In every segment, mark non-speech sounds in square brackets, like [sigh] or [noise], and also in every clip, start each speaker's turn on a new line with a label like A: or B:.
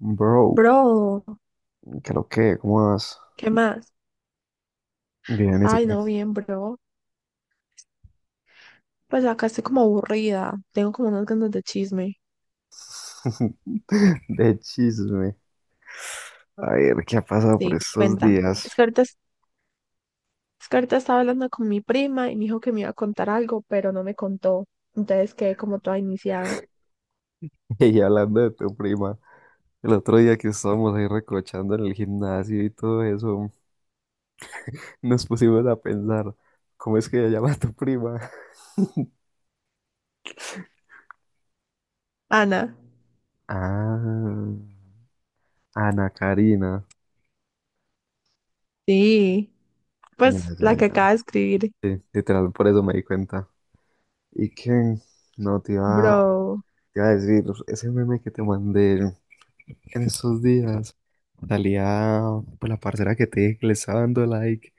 A: Bro,
B: Bro,
A: creo que, ¿cómo vas?
B: ¿qué más?
A: Bien, ¿y tú
B: Ay,
A: qué?
B: no, bien, bro. Pues acá estoy como aburrida. Tengo como unas ganas de chisme.
A: [laughs] De chisme. A ver, ¿qué ha pasado por
B: Sí,
A: estos
B: cuenta.
A: días?
B: Es que ahorita estaba hablando con mi prima y me dijo que me iba a contar algo, pero no me contó. Entonces quedé como toda iniciada.
A: [laughs] Y hablando de tu prima, el otro día que estábamos ahí recochando en el gimnasio y todo eso, nos pusimos a pensar, ¿cómo es que ella llama a tu prima? [laughs]
B: Ana.
A: Ah, Ana Karina.
B: Sí.
A: Ya,
B: Pues
A: ya,
B: la que acaba
A: ya.
B: de escribir.
A: Sí, literal, por eso me di cuenta. ¿Y qué? No,
B: Bro.
A: te iba a decir, ese meme que te mandé. En esos días salía pues la parcera que te dije que le estaba dando like.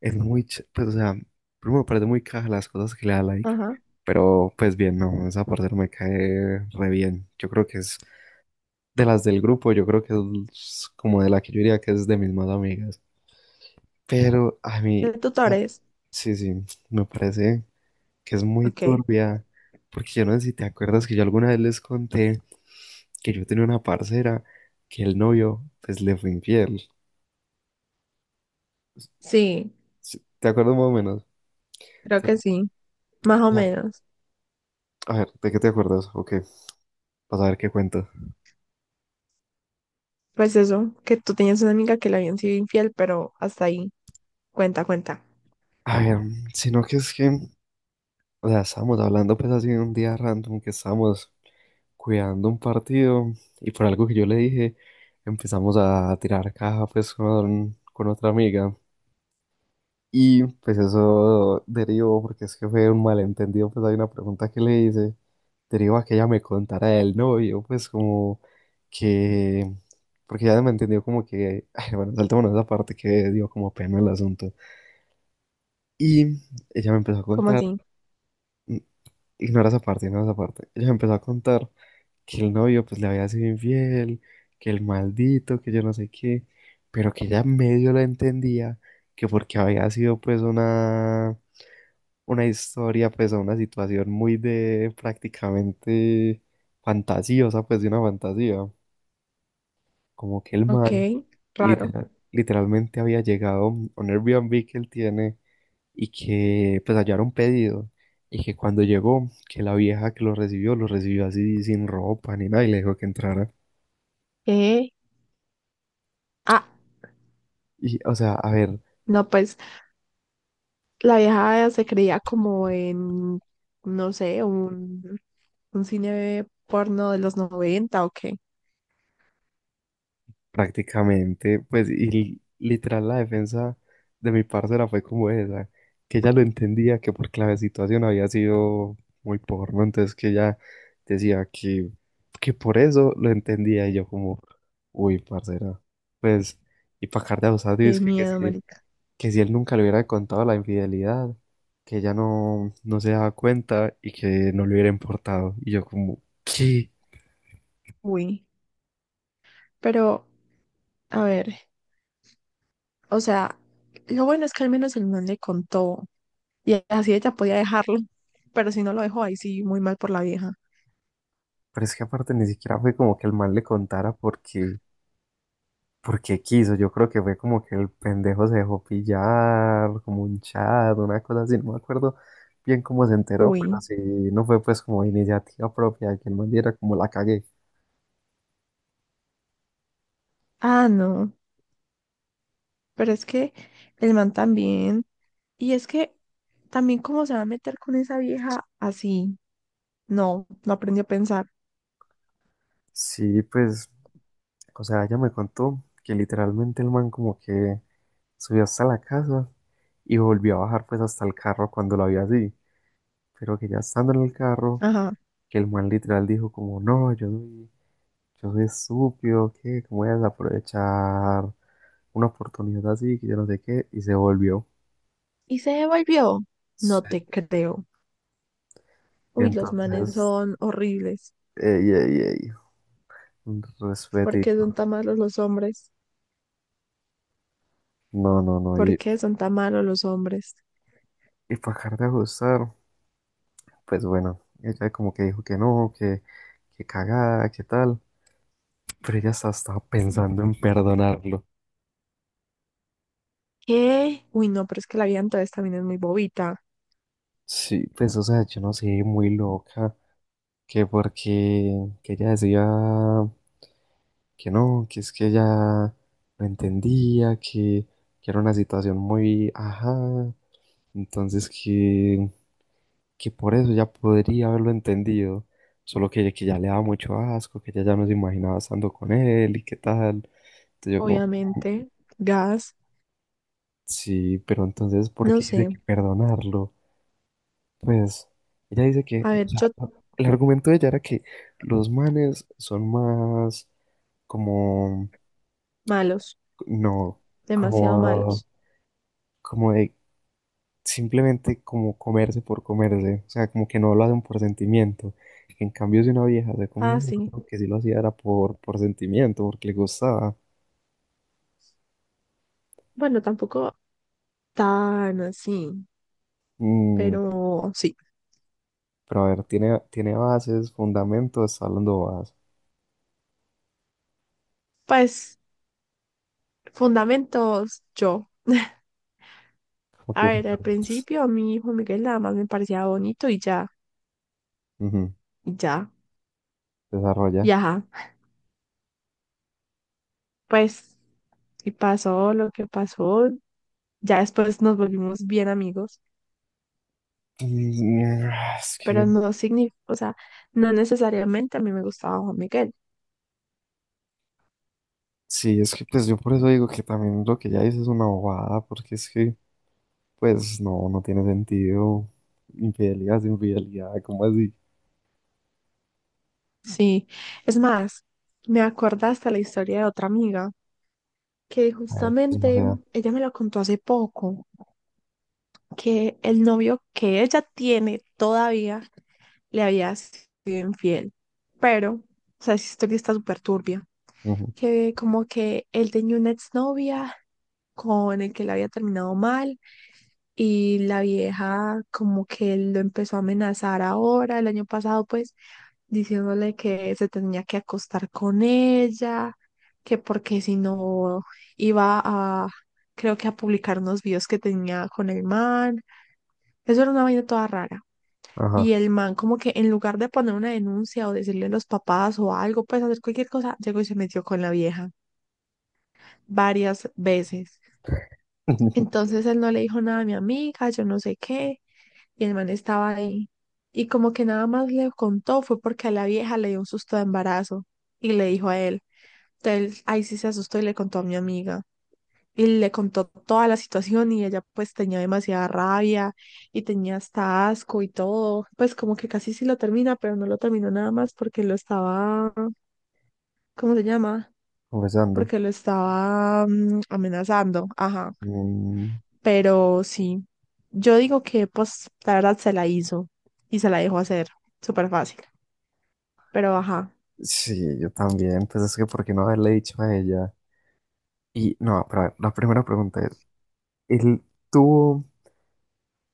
A: Es muy, pues o sea, primero me parece muy caja las cosas que le da like.
B: Ajá.
A: Pero pues bien, no, esa parcera me cae re bien. Yo creo que es de las del grupo, yo creo que es como de la que yo diría que es de mis más amigas. Pero a
B: ¿De
A: mí, la-
B: tutores?
A: sí, sí, me parece que es muy
B: Ok.
A: turbia. Porque yo no sé si te acuerdas que yo alguna vez les conté que yo tenía una parcera que el novio pues le fue infiel.
B: Sí,
A: Sí, ¿te acuerdas más o menos?
B: creo
A: Te-
B: que sí. Más o
A: ya,
B: menos.
A: a ver, ¿de qué te acuerdas? Ok, para saber qué cuento.
B: Pues eso, que tú tenías una amiga que le habían sido infiel, pero hasta ahí. Cuenta, cuenta.
A: A ver, sino que es que, o sea, estábamos hablando pues así un día random que estábamos cuidando un partido y por algo que yo le dije empezamos a tirar caja pues con otra amiga. Y pues eso derivó, porque es que fue un malentendido, pues hay una pregunta que le hice, derivó a que ella me contara del novio, pues como que, porque ya me entendió como que, [laughs] ay, bueno, saltémonos esa parte que dio como pena el asunto. Y ella me empezó a
B: ¿Cómo
A: contar,
B: así?
A: n- ignora esa parte, ella me empezó a contar que el novio pues le había sido infiel, que el maldito, que yo no sé qué, pero que ella medio la entendía, que porque había sido pues una historia, pues, o una situación muy de prácticamente fantasiosa, pues, de una fantasía. Como que el
B: Ok,
A: man
B: raro.
A: literalmente había llegado a un Airbnb que él tiene y que, pues, allá era un pedido. Y que cuando llegó, que la vieja que lo recibió así sin ropa ni nada y le dijo que entrara.
B: Eh, Ah,
A: Y, o sea, a ver.
B: no, pues la vieja se creía como no sé, un cine porno de los 90 o qué.
A: Prácticamente, pues, y literal la defensa de mi parcera fue como esa, que ella lo entendía que por clave situación había sido muy porno, entonces que ella decía que por eso lo entendía, y yo como, uy, parcera, pues, y para acá de abusado, y es
B: Qué miedo, marica.
A: que si él nunca le hubiera contado la infidelidad, que ella no, no se daba cuenta y que no le hubiera importado, y yo como, ¿qué?
B: Uy, pero, a ver, o sea, lo bueno es que al menos el man le contó y así ella podía dejarlo, pero si no lo dejó ahí sí, muy mal por la vieja.
A: Pero es que aparte ni siquiera fue como que el mal le contara porque quiso, yo creo que fue como que el pendejo se dejó pillar, como un chat, una cosa así, no me acuerdo bien cómo se enteró, pero
B: Uy,
A: sí, no fue pues como iniciativa propia de que el man diera como la cagué.
B: ah, no, pero es que el man también, y es que también cómo se va a meter con esa vieja así. No, no aprendí a pensar.
A: Sí, pues, o sea, ella me contó que literalmente el man como que subió hasta la casa y volvió a bajar pues hasta el carro cuando lo vio así, pero que ya estando en el carro,
B: Ajá.
A: que el man literal dijo como, no, yo soy yo. Entonces supo que cómo iban a aprovechar una oportunidad así, que yo no sé qué, y se volvió.
B: Y se devolvió. No
A: Sí.
B: te creo.
A: Y
B: Uy, los manes
A: entonces,
B: son horribles.
A: ey, ey, ey, un
B: ¿Por qué son
A: respetito.
B: tan malos los hombres?
A: No, no, no.
B: ¿Por qué son tan malos los hombres?
A: Y para acabar de ajustar, pues bueno, ella como que dijo que no, que cagada, que tal. Pero ella hasta estaba pensando en perdonarlo.
B: ¿Qué? Uy, no, pero es que la vida entonces también es muy bobita.
A: Sí, pues o sea, yo no sé, muy loca, que porque que ella decía, que no, que es que ella no entendía, que era una situación muy, ajá, entonces que por eso ya podría haberlo entendido, solo que ya le daba mucho asco, que ella ya no se imaginaba estando con él y qué tal. Entonces yo como,
B: Obviamente. Gas.
A: sí, pero entonces, ¿por
B: No
A: qué
B: sé.
A: dice que perdonarlo? Pues ella dice que,
B: A
A: o
B: ver,
A: sea,
B: yo
A: no, el argumento de ella era que los manes son más como,
B: malos.
A: no,
B: Demasiado
A: como
B: malos.
A: como de simplemente como comerse por comerse, o sea, como que no lo hacen por sentimiento. En cambio, si una vieja se comía,
B: Ah,
A: uno,
B: sí.
A: creo que sí lo hacía era por sentimiento, porque le gustaba.
B: Bueno, tampoco tan así,
A: Mm,
B: pero sí.
A: pero a ver, tiene bases, fundamentos, está hablando bases.
B: Pues fundamentos yo.
A: Como
B: A
A: que
B: ver, al
A: fundamentos.
B: principio a mi hijo Miguel nada más me parecía bonito y ya,
A: Ujú,
B: y ya, y
A: desarrolla.
B: ajá. Pues, y pasó lo que pasó. Ya después nos volvimos bien amigos,
A: Y, ah, es que,
B: pero no significa, o sea, no necesariamente a mí me gustaba Juan Miguel.
A: sí, es que pues yo por eso digo que también lo que ya dices es una bobada, porque es que, pues no, no tiene sentido. Infidelidad es infidelidad, ¿cómo así?
B: Sí, es más, me acordé hasta la historia de otra amiga que
A: A ver, pues, no
B: justamente
A: sea.
B: ella me la contó hace poco que el novio que ella tiene todavía le había sido infiel. Pero, o sea, esa historia está súper turbia.
A: Ujú,
B: Que como que él tenía una exnovia con el que le había terminado mal y la vieja como que lo empezó a amenazar ahora, el año pasado, pues, diciéndole que se tenía que acostar con ella, que porque si no iba a, creo que a publicar unos videos que tenía con el man. Eso era una vaina toda rara.
A: ajá.
B: Y el man como que en lugar de poner una denuncia o decirle a los papás o algo, pues hacer cualquier cosa, llegó y se metió con la vieja varias veces.
A: [laughs]
B: Entonces él no le dijo nada a mi amiga, yo no sé qué, y el man estaba ahí. Y como que nada más le contó fue porque a la vieja le dio un susto de embarazo y le dijo a él. Entonces ahí sí se asustó y le contó a mi amiga. Y le contó toda la situación y ella pues tenía demasiada rabia y tenía hasta asco y todo. Pues como que casi sí lo termina, pero no lo terminó nada más porque lo estaba, ¿cómo se llama?
A: Comenzando.
B: Porque lo estaba amenazando. Ajá.
A: Mm,
B: Pero sí, yo digo que pues la verdad se la hizo y se la dejó hacer. Súper fácil. Pero ajá,
A: sí, yo también. Pues es que, ¿por qué no haberle dicho a ella? Y no, pero a ver, la primera pregunta es, él tuvo,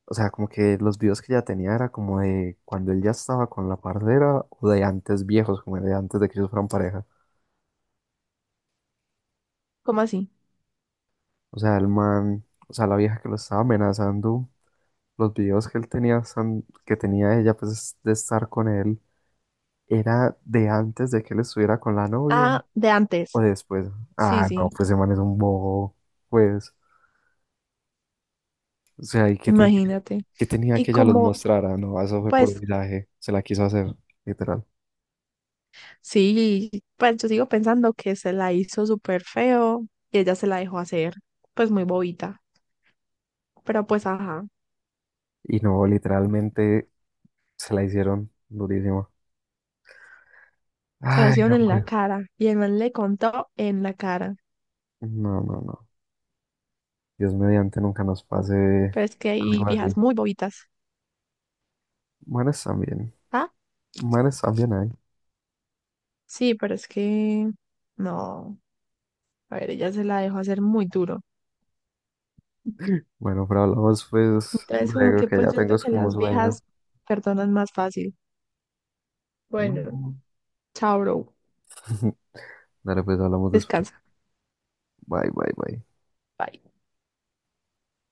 A: o sea, como que los videos que ella tenía era como de cuando él ya estaba con la parcera o de antes viejos, como de antes de que ellos fueran pareja.
B: ¿cómo así?
A: O sea, el man, o sea, la vieja que lo estaba amenazando, los videos que él tenía, que tenía ella, pues de estar con él, era de antes de que él estuviera con la novia.
B: Ah, de
A: O
B: antes.
A: después,
B: Sí,
A: ah, no,
B: sí,
A: pues ese man es un bobo, pues, o sea, ¿y qué,
B: imagínate.
A: qué tenía
B: Y
A: que ella los
B: como,
A: mostrara? No, eso fue por
B: pues
A: un viaje, se la quiso hacer, literal.
B: sí, pues yo sigo pensando que se la hizo súper feo y ella se la dejó hacer, pues muy bobita. Pero pues ajá,
A: Y no, literalmente se la hicieron durísimo.
B: se la
A: Ay,
B: hicieron en la
A: hombre,
B: cara y el man le contó en la cara.
A: no, no, no, Dios mediante nunca nos pase
B: Pero es que hay
A: algo así.
B: viejas muy bobitas.
A: Manes también,
B: Ah,
A: manes también hay.
B: sí, pero es que no. A ver, ella se la dejó hacer muy duro.
A: Bueno, pero hablamos pues
B: Entonces, como
A: luego
B: que
A: que ya
B: pues yo
A: tengo
B: siento
A: es
B: que
A: como un
B: las
A: sueño.
B: viejas perdonan más fácil. Bueno,
A: No.
B: chao, bro.
A: [laughs] Dale, pues hablamos después.
B: Descansa.
A: Bye, bye, bye.
B: Bye.